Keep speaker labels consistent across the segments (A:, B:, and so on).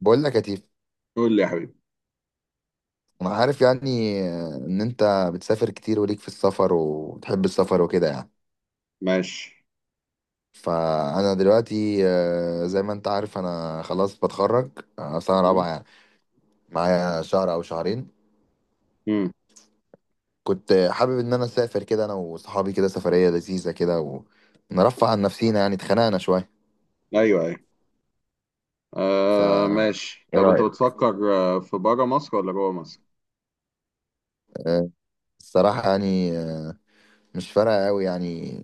A: بقول لك يا تيف.
B: قول لي يا حبيبي.
A: انا عارف يعني ان انت بتسافر كتير وليك في السفر وبتحب السفر وكده يعني.
B: ماشي.
A: فانا دلوقتي زي ما انت عارف انا خلاص بتخرج، سنه رابعه
B: مم.
A: يعني. معايا شهر او شهرين.
B: مم.
A: كنت حابب ان انا اسافر كده، انا وصحابي، كده سفريه لذيذه كده ونرفع عن نفسينا يعني، اتخنقنا شويه.
B: ايوه، ايوه.
A: ف
B: آه، ماشي.
A: ايه
B: طب انت
A: رايك؟
B: بتفكر، في بره مصر ولا جوه مصر؟
A: آه، الصراحه يعني مش فارقه قوي يعني.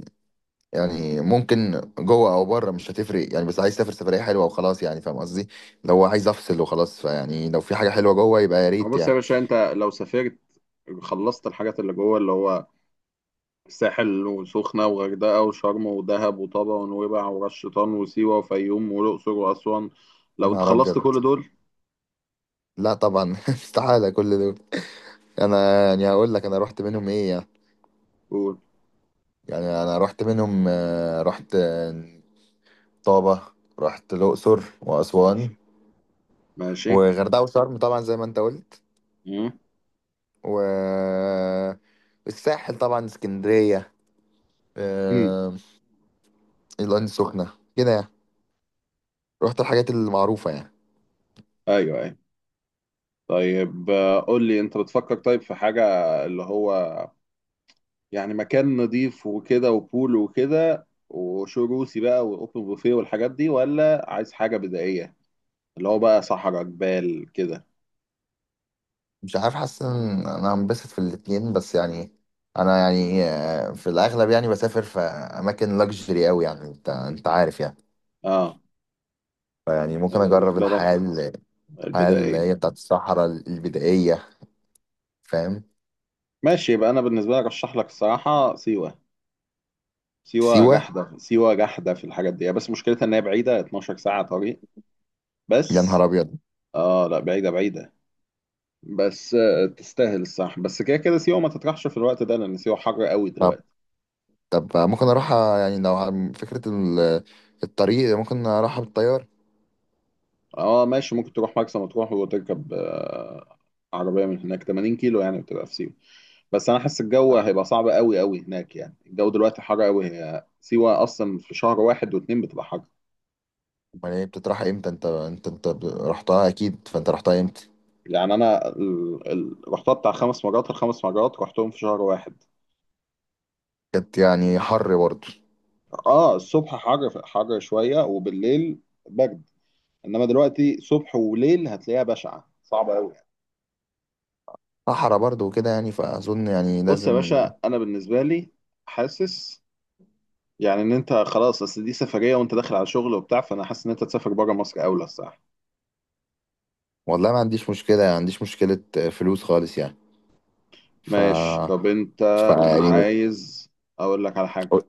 A: يعني ممكن جوه او بره مش هتفرق يعني، بس عايز اسافر سفريه حلوه وخلاص، يعني فاهم قصدي. لو عايز افصل وخلاص، فيعني لو في حاجه حلوه جوه يبقى يا
B: هو
A: ريت
B: بص يا
A: يعني.
B: باشا، انت لو سافرت خلصت الحاجات اللي جوه، اللي هو الساحل وسخنة وغردقة وشرم ودهب وطابة ونويبع وراس شيطان وسيوة وفيوم والأقصر وأسوان،
A: يا
B: لو انت
A: نهار
B: خلصت
A: ابيض!
B: كل دول.
A: لا طبعا استحاله كل دول. انا يعني هقول لك انا رحت منهم ايه يعني.
B: قول.
A: يعني انا رحت منهم، رحت طابه. رحت الاقصر واسوان
B: ماشي. ماشي.
A: وغردقه وشرم طبعا زي ما انت قلت.
B: مم.
A: و الساحل طبعا، اسكندريه،
B: مم.
A: آه، العين السخنه كده يعني. رحت الحاجات المعروفه يعني.
B: ايوه، ايوه. طيب، قول لي انت بتفكر. طيب في حاجة اللي هو يعني مكان نضيف وكده وبول وكده وشو روسي بقى واوبن بوفيه والحاجات دي، ولا عايز حاجه بدائيه اللي هو بقى صحراء جبال كده؟
A: مش عارف، حاسس ان انا هنبسط في الاتنين بس يعني. انا يعني في الاغلب يعني بسافر في اماكن لاكجري قوي، يعني انت عارف يعني.
B: اه،
A: فيعني ممكن اجرب
B: بالنسبه لك.
A: الحياه الحياه اللي
B: البدائيه.
A: هي بتاعت الصحراء البدائيه، فاهم.
B: ماشي. يبقى انا بالنسبه لك ارشح لك الصراحه سيوه. سيوه
A: سيوه؟
B: جحده، سيوه جحده في الحاجات دي، بس مشكلتها ان هي بعيده 12 ساعه طريق
A: يا نهار
B: بس.
A: ابيض!
B: اه، لا، بعيده بعيده. بس تستاهل الصح. بس كده كده سيوه ما تطرحش في الوقت ده لان سيوه حر قوي
A: طب
B: دلوقتي.
A: طب ممكن اروح، يعني لو عن فكره الطريق ممكن اروحها بالطيار.
B: اه، ماشي. ممكن تروح مرسى مطروح وتركب عربية من هناك، 80 كيلو، يعني بتبقى في سيوة. بس انا حاسس الجو هيبقى صعب قوي قوي هناك. يعني الجو دلوقتي حر قوي. هي سيوة اصلا في شهر واحد واتنين بتبقى حر.
A: امال هي بتتراح امتى؟ انت رحتها اكيد، فانت رحتها امتى؟
B: يعني انا رحتها بتاع 5 مرات. الـ5 مرات رحتهم في شهر واحد.
A: كانت يعني حر برضه؟
B: اه. الصبح حر، حر شوية، وبالليل برد. انما دلوقتي صبح وليل هتلاقيها بشعة صعبة قوي.
A: صحرا برضه وكده يعني، فاظن يعني
B: بص
A: لازم.
B: يا باشا، انا بالنسبة لي حاسس يعني ان انت خلاص، اصل دي سفريه وانت داخل على شغل وبتاع، فانا حاسس ان انت تسافر بره مصر اولى الصراحه.
A: والله ما عنديش مشكلة يعني، ما عنديش مشكلة فلوس خالص يعني. ف
B: ماشي. طب انت
A: ف يعني.
B: عايز اقول لك على
A: قول،
B: حاجه؟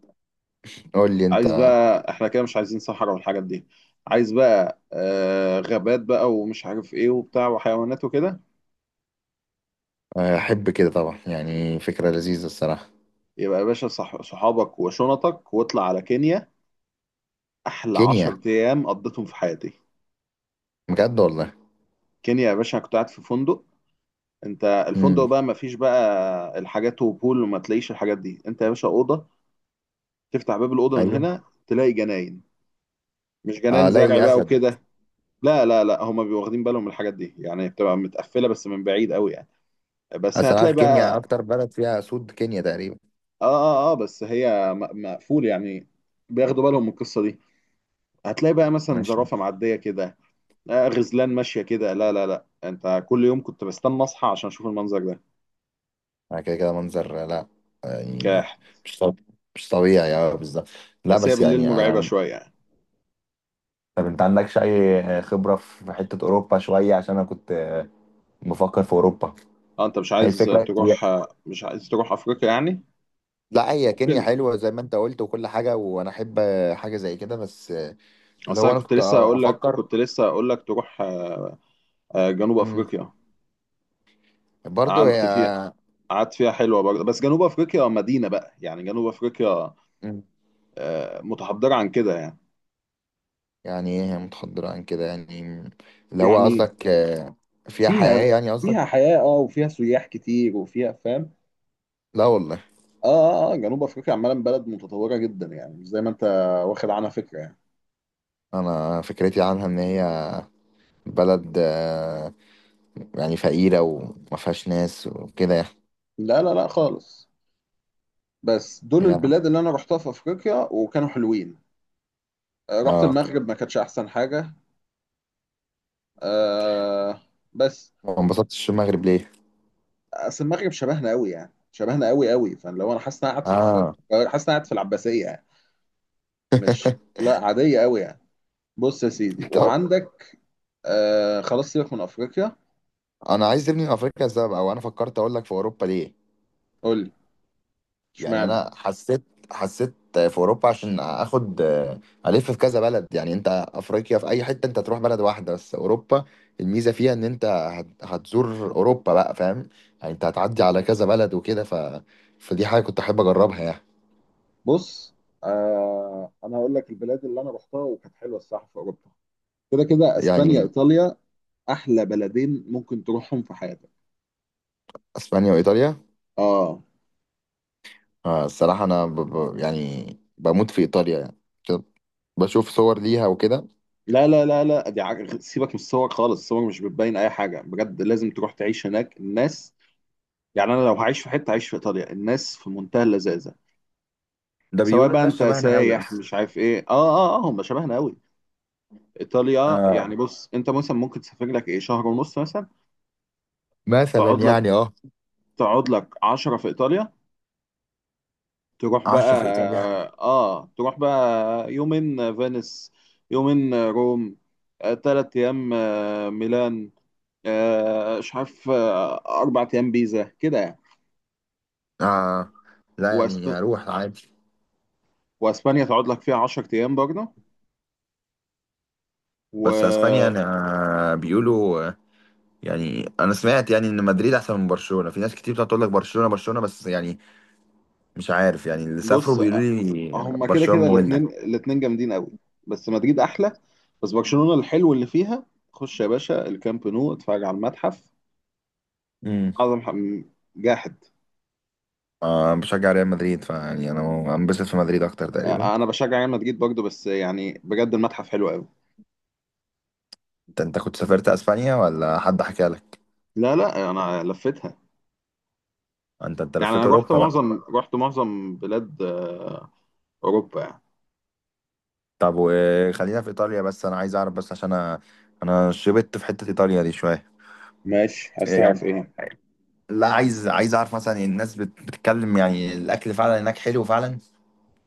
A: قول لي
B: عايز
A: انت.
B: بقى. احنا كده مش عايزين صحراء والحاجات دي. عايز بقى آه غابات بقى، ومش عارف ايه وبتاع، وحيوانات وكده.
A: احب كده طبعا يعني، فكرة لذيذة الصراحة.
B: يبقى يا باشا، صح صحابك وشنطك واطلع على كينيا. احلى
A: كينيا؟
B: 10 ايام قضيتهم في حياتي.
A: بجد والله.
B: كينيا يا باشا. أنا كنت قاعد في فندق. انت الفندق
A: امم.
B: بقى ما فيش بقى الحاجات وبول، وما تلاقيش الحاجات دي. انت يا باشا، اوضه تفتح باب الأوضة من
A: ايوه.
B: هنا تلاقي جناين. مش
A: اه.
B: جناين زرع
A: لا،
B: بقى
A: اسد.
B: وكده. لا لا لا، هما بيبقوا واخدين بالهم من الحاجات دي. يعني بتبقى متقفلة بس من بعيد قوي يعني. بس
A: اصل أنا عارف
B: هتلاقي
A: كينيا
B: بقى.
A: اكتر بلد فيها اسود، كينيا تقريبا.
B: اه اه اه، بس هي مقفول يعني. بياخدوا بالهم من القصة دي. هتلاقي بقى مثلا
A: ماشي.
B: زرافة معدية كده، آه غزلان ماشية كده. لا لا لا، انت كل يوم كنت بستنى اصحى عشان اشوف المنظر ده.
A: كده كده منظر، لا. يعني
B: كاح.
A: مش طبيعي. مش طبيعي، اه، بالظبط. لا
B: بس هي
A: بس
B: بالليل
A: يعني
B: مرعبة شوية يعني.
A: طب انت عندكش اي خبرة في حتة اوروبا شوية؟ عشان انا كنت بفكر في اوروبا.
B: اه، انت مش
A: هي
B: عايز
A: الفكرة.
B: تروح، مش عايز تروح افريقيا يعني؟
A: لا هي كينيا
B: ممكن.
A: حلوة زي ما انت قلت وكل حاجة، وانا احب حاجة زي كده. بس اللي
B: اصل
A: هو،
B: انا
A: انا
B: كنت
A: كنت
B: لسه هقول لك،
A: افكر.
B: كنت لسه هقول لك تروح جنوب
A: امم
B: افريقيا.
A: برضو هي.
B: قعدت فيها، قعدت فيها حلوه برضه، بس جنوب افريقيا مدينه بقى، يعني جنوب افريقيا
A: مم.
B: متحضره عن كده يعني.
A: يعني ايه هي متحضرة عن كده يعني؟ اللي هو
B: يعني
A: قصدك فيها حياة
B: فيها
A: يعني قصدك؟
B: فيها حياه، اه، وفيها سياح كتير وفيها فاهم.
A: لا والله.
B: اه اه اه، جنوب افريقيا عمالا بلد متطوره جدا يعني، مش زي ما انت واخد عنها فكره يعني.
A: انا فكرتي عنها ان هي بلد يعني فقيرة وما فيهاش ناس وكده يعني.
B: لا لا لا خالص. بس دول
A: يعني-
B: البلاد اللي انا رحتها في افريقيا وكانوا حلوين. رحت
A: اه.
B: المغرب ما كانتش احسن حاجه. آه بس.
A: ما انبسطتش في المغرب ليه؟
B: اصل المغرب شبهنا قوي يعني، شبهنا قوي قوي، فلو انا حاسس ان انا قاعد
A: اه
B: حاسس ان انا قاعد في العباسيه يعني. مش لا، عاديه قوي يعني. بص يا سيدي،
A: طب
B: وعندك آه، خلاص سيبك من افريقيا.
A: انا عايز ابني من افريقيا السبب، او انا فكرت اقول لك في اوروبا ليه.
B: قول لي.
A: يعني
B: اشمعنى.
A: انا حسيت في اوروبا عشان اخد الف في كذا بلد، يعني انت افريقيا في اي حته انت تروح بلد واحده، بس اوروبا الميزه فيها ان انت هتزور اوروبا بقى، فاهم. يعني انت هتعدي على كذا بلد وكده فدي حاجه كنت احب اجربها يعني.
B: بص، آه انا هقول لك البلاد اللي انا رحتها وكانت حلوه الصراحه في اوروبا. كده كده اسبانيا،
A: يعني
B: ايطاليا. احلى بلدين ممكن تروحهم في حياتك.
A: اسبانيا وايطاليا.
B: اه،
A: الصراحه انا يعني بموت في ايطاليا يعني، كده. بشوف صور ليها وكده.
B: لا لا لا لا دي سيبك من الصور خالص. الصور مش بتبين اي حاجه بجد. لازم تروح تعيش هناك، الناس. يعني انا لو هعيش في حته هعيش في ايطاليا، الناس في منتهى اللذاذه.
A: ده
B: سواء
A: بيقولوا
B: بقى
A: الناس
B: انت
A: شبهنا قوي
B: سايح
A: اصلا.
B: مش عارف ايه. اه اه اه، هم شبهنا قوي. ايطاليا
A: آه،
B: يعني. بص انت مثلا ممكن تسافر لك ايه شهر ونص مثلا.
A: مثلا
B: تقعد لك
A: يعني، اه.
B: تقعد لك 10 في ايطاليا. تروح
A: 10
B: بقى
A: في ايطاليا.
B: اه، تروح بقى يومين فينيس، يومين روم، آه 3 ايام آه ميلان، آه مش عارف، آه 4 ايام بيزا كده يعني.
A: آه لا يعني
B: وأسب...
A: اروح عادي.
B: واسبانيا تقعد لك فيها 10 ايام برضه.
A: بس اسبانيا
B: و
A: انا بيقولوا يعني انا سمعت يعني ان مدريد احسن من برشلونة. في ناس كتير بتقعد تقول لك برشلونة برشلونة، بس يعني مش عارف يعني، اللي سافروا
B: بص،
A: بيقولوا لي
B: هما كده
A: برشلونة
B: كده
A: مملة.
B: الاثنين جامدين قوي. بس مدريد احلى. بس برشلونة الحلو اللي فيها، خش يا باشا الكامب نو اتفرج على المتحف.
A: امم.
B: اعظم جاحد.
A: آه، بشجع ريال مدريد، فيعني انا انبسط في مدريد اكتر تقريبا.
B: انا بشجع ريال مدريد برضه، بس يعني بجد المتحف حلو قوي.
A: انت كنت سافرت اسبانيا ولا حد حكى لك؟
B: لا لا، انا لفتها.
A: انت
B: يعني
A: لفيت
B: انا
A: اوروبا بقى.
B: رحت معظم بلاد اوروبا يعني.
A: طب وخلينا في ايطاليا، بس انا عايز اعرف بس عشان انا شبت في حتة ايطاليا دي شوية.
B: ماشي. عايز
A: يعني
B: تعرف ايه.
A: لا، عايز اعرف مثلا، الناس بتتكلم يعني الاكل فعلا هناك حلو فعلا؟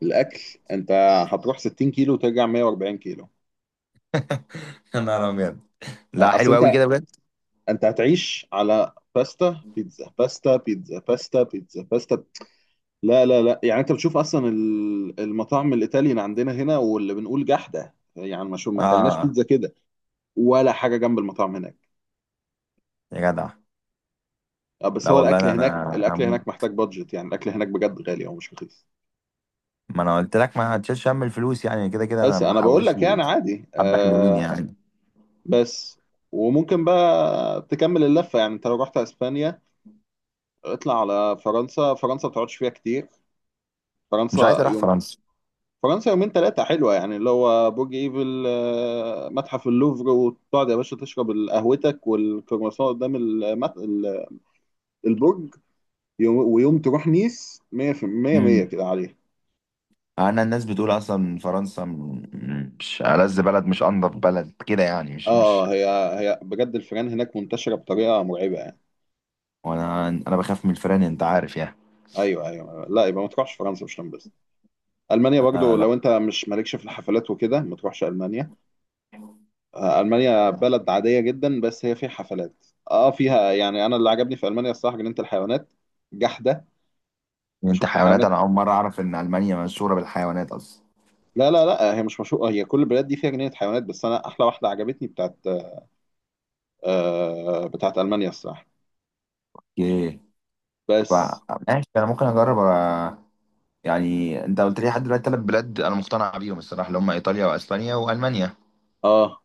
B: الاكل. انت هتروح 60 كيلو وترجع 140 كيلو.
A: يا نهار ابيض! لا
B: اصل
A: حلو قوي
B: انت
A: كده بجد.
B: انت هتعيش على باستا بيتزا، باستا بيتزا، باستا بيتزا، باستا. لا لا لا، يعني انت بتشوف اصلا المطاعم الايطالي اللي عندنا هنا واللي بنقول جحده. يعني ما ما اكلناش
A: اه
B: بيتزا كده ولا حاجه جنب المطاعم هناك.
A: يا جدع.
B: بس
A: لا
B: هو
A: والله
B: الاكل
A: انا
B: هناك،
A: انا
B: الاكل هناك
A: هموت.
B: محتاج بادجت، يعني الاكل هناك بجد غالي او مش رخيص.
A: ما انا قلت لك ما هتشيلش هم الفلوس يعني، كده كده انا
B: بس انا بقول
A: محوش
B: لك
A: لي
B: يعني عادي،
A: حبه حلوين
B: آه،
A: يعني.
B: بس. وممكن بقى تكمل اللفه، يعني انت لو رحت اسبانيا اطلع على فرنسا. فرنسا ما بتقعدش فيها كتير.
A: مش عايز
B: فرنسا
A: اروح
B: يوم.
A: فرنسا.
B: فرنسا يومين ثلاثة حلوة يعني. اللي هو برج ايفل، متحف اللوفر. وتقعد يا باشا تشرب قهوتك والكرواسون قدام البرج. يوم... ويوم تروح نيس 100%. 100
A: امم.
B: كده عليه.
A: انا الناس بتقول اصلا فرنسا مش ألذ بلد، مش انضف بلد كده يعني،
B: اه،
A: مش.
B: آه، هي هي بجد الفيران هناك منتشرة بطريقة مرعبة يعني.
A: وانا انا بخاف من الفيران، انت عارف يعني.
B: ايوه ايوه، لا يبقى ما تروحش فرنسا مش هتنبسط. المانيا
A: آه،
B: برضو
A: لا.
B: لو انت مش مالكش في الحفلات وكده ما تروحش المانيا. المانيا بلد عادية جدا بس هي فيها حفلات. اه فيها، يعني انا اللي عجبني في المانيا الصراحة جنينة الحيوانات، جحدة.
A: انت
B: شفت
A: حيوانات؟
B: حيوانات.
A: انا اول مره اعرف ان المانيا مشهوره بالحيوانات اصلا.
B: لا لا لا، هي مش مشهورة. هي كل البلاد دي فيها جنينة حيوانات، بس انا احلى واحدة عجبتني بتاعت المانيا الصراحة.
A: اوكي.
B: بس.
A: فماشي انا ممكن اجرب يعني انت قلت لي لحد دلوقتي ثلاث بلاد انا مقتنع بيهم الصراحه، اللي هم ايطاليا واسبانيا والمانيا.
B: اه،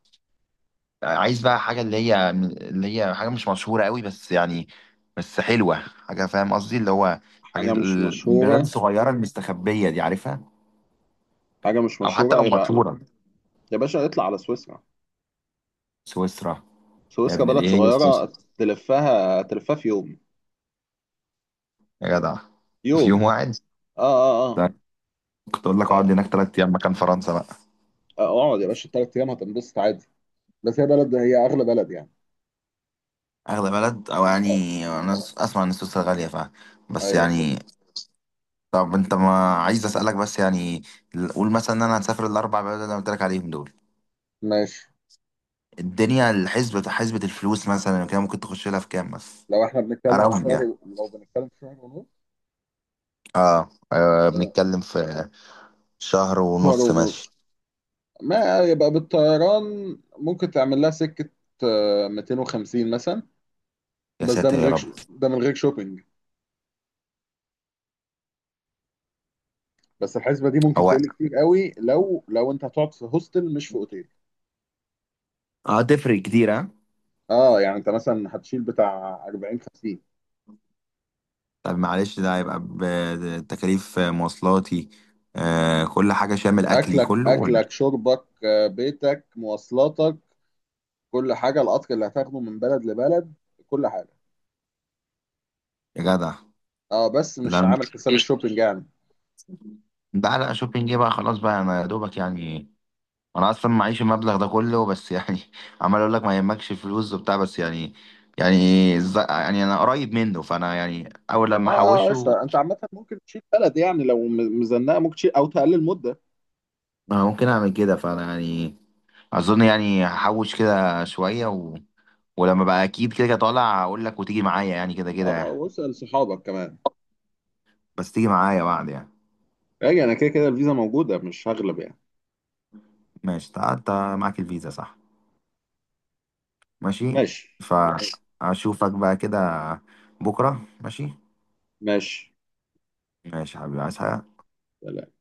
A: عايز بقى حاجه، اللي هي حاجه مش مشهوره قوي بس يعني، بس حلوه، حاجه فاهم قصدي، اللي هو حاجه
B: حاجة مش
A: البلاد
B: مشهورة.
A: الصغيره المستخبيه دي، عارفها؟
B: حاجة مش
A: او حتى
B: مشهورة
A: لو
B: يبقى
A: مشهوره.
B: يا باشا اطلع على سويسرا.
A: سويسرا؟ يا
B: سويسرا
A: ابني
B: بلد
A: ايه هي سويسرا؟
B: صغيرة. تلفها، تلفها في يوم.
A: يا جدع. في يوم
B: يوم.
A: واحد؟
B: اه اه اه،
A: ده كنت اقول لك اقعد هناك 3 ايام مكان فرنسا بقى.
B: اقعد يا باشا 3 ايام هتنبسط عادي. بس هي بلد، هي اغلى بلد يعني.
A: اغلى بلد؟ او يعني
B: آه.
A: انا اسمع ان سويسرا غاليه بس
B: ايوه صح.
A: يعني. طب انت، ما عايز اسالك بس يعني، قول مثلا ان انا هسافر الاربع بلد اللي انا قلت لك عليهم دول،
B: ماشي.
A: الدنيا الحسبة، حسبة الفلوس مثلا، كده ممكن تخش لها في كام بس؟
B: لو احنا بنتكلم في
A: اراوند يعني.
B: شهر لو بنتكلم في شهر ونص.
A: اه،
B: آه،
A: بنتكلم في شهر
B: شهر
A: ونص
B: ونص،
A: ماشي.
B: ما يبقى بالطيران ممكن تعمل لها سكة، 250 مثلا.
A: يا
B: بس ده
A: ساتر
B: من
A: يا
B: غير
A: رب!
B: ده من غير شوبينج. بس الحسبة دي ممكن
A: هو،
B: تقل كتير قوي لو، انت هتقعد في هوستل مش في اوتيل.
A: اه، تفرق كتير ها؟
B: اه، يعني انت مثلا هتشيل بتاع 40 50.
A: طب معلش، ده هيبقى بتكاليف مواصلاتي، كل حاجة شامل اكلي
B: اكلك
A: كله ولا؟
B: اكلك شربك، بيتك، مواصلاتك، كل حاجة. القطر اللي هتاخده من بلد لبلد، كل حاجة.
A: يا جدع.
B: اه، بس مش
A: لا
B: عامل حساب الشوبينج يعني.
A: ده، لا شوبينج ايه بقى خلاص بقى، انا يا دوبك يعني، انا اصلا معيش المبلغ ده كله، بس يعني عمال اقول لك ما يهمكش فلوس وبتاع بس يعني، يعني يعني انا قريب منه، فانا يعني اول لما
B: اه اه،
A: احوشه.
B: قشطة. انت عامة ممكن تشيل بلد يعني لو مزنقة، ممكن تشيل او تقلل مدة.
A: ممكن اعمل كده، فانا يعني اظن يعني هحوش كده شويه ولما بقى اكيد كده كده طالع اقول لك وتيجي معايا يعني، كده كده يعني.
B: اه، واسأل صحابك كمان.
A: بس تيجي معايا بعد يعني.
B: راجع. انا كده كده الفيزا موجودة مش هغلب يعني.
A: ماشي، انت معاك الفيزا صح؟ ماشي.
B: ماشي. ماشي.
A: فاشوفك بقى كده بكره، ماشي.
B: ماشي.
A: ماشي يا حبيبي، عايز حاجه؟
B: سلام.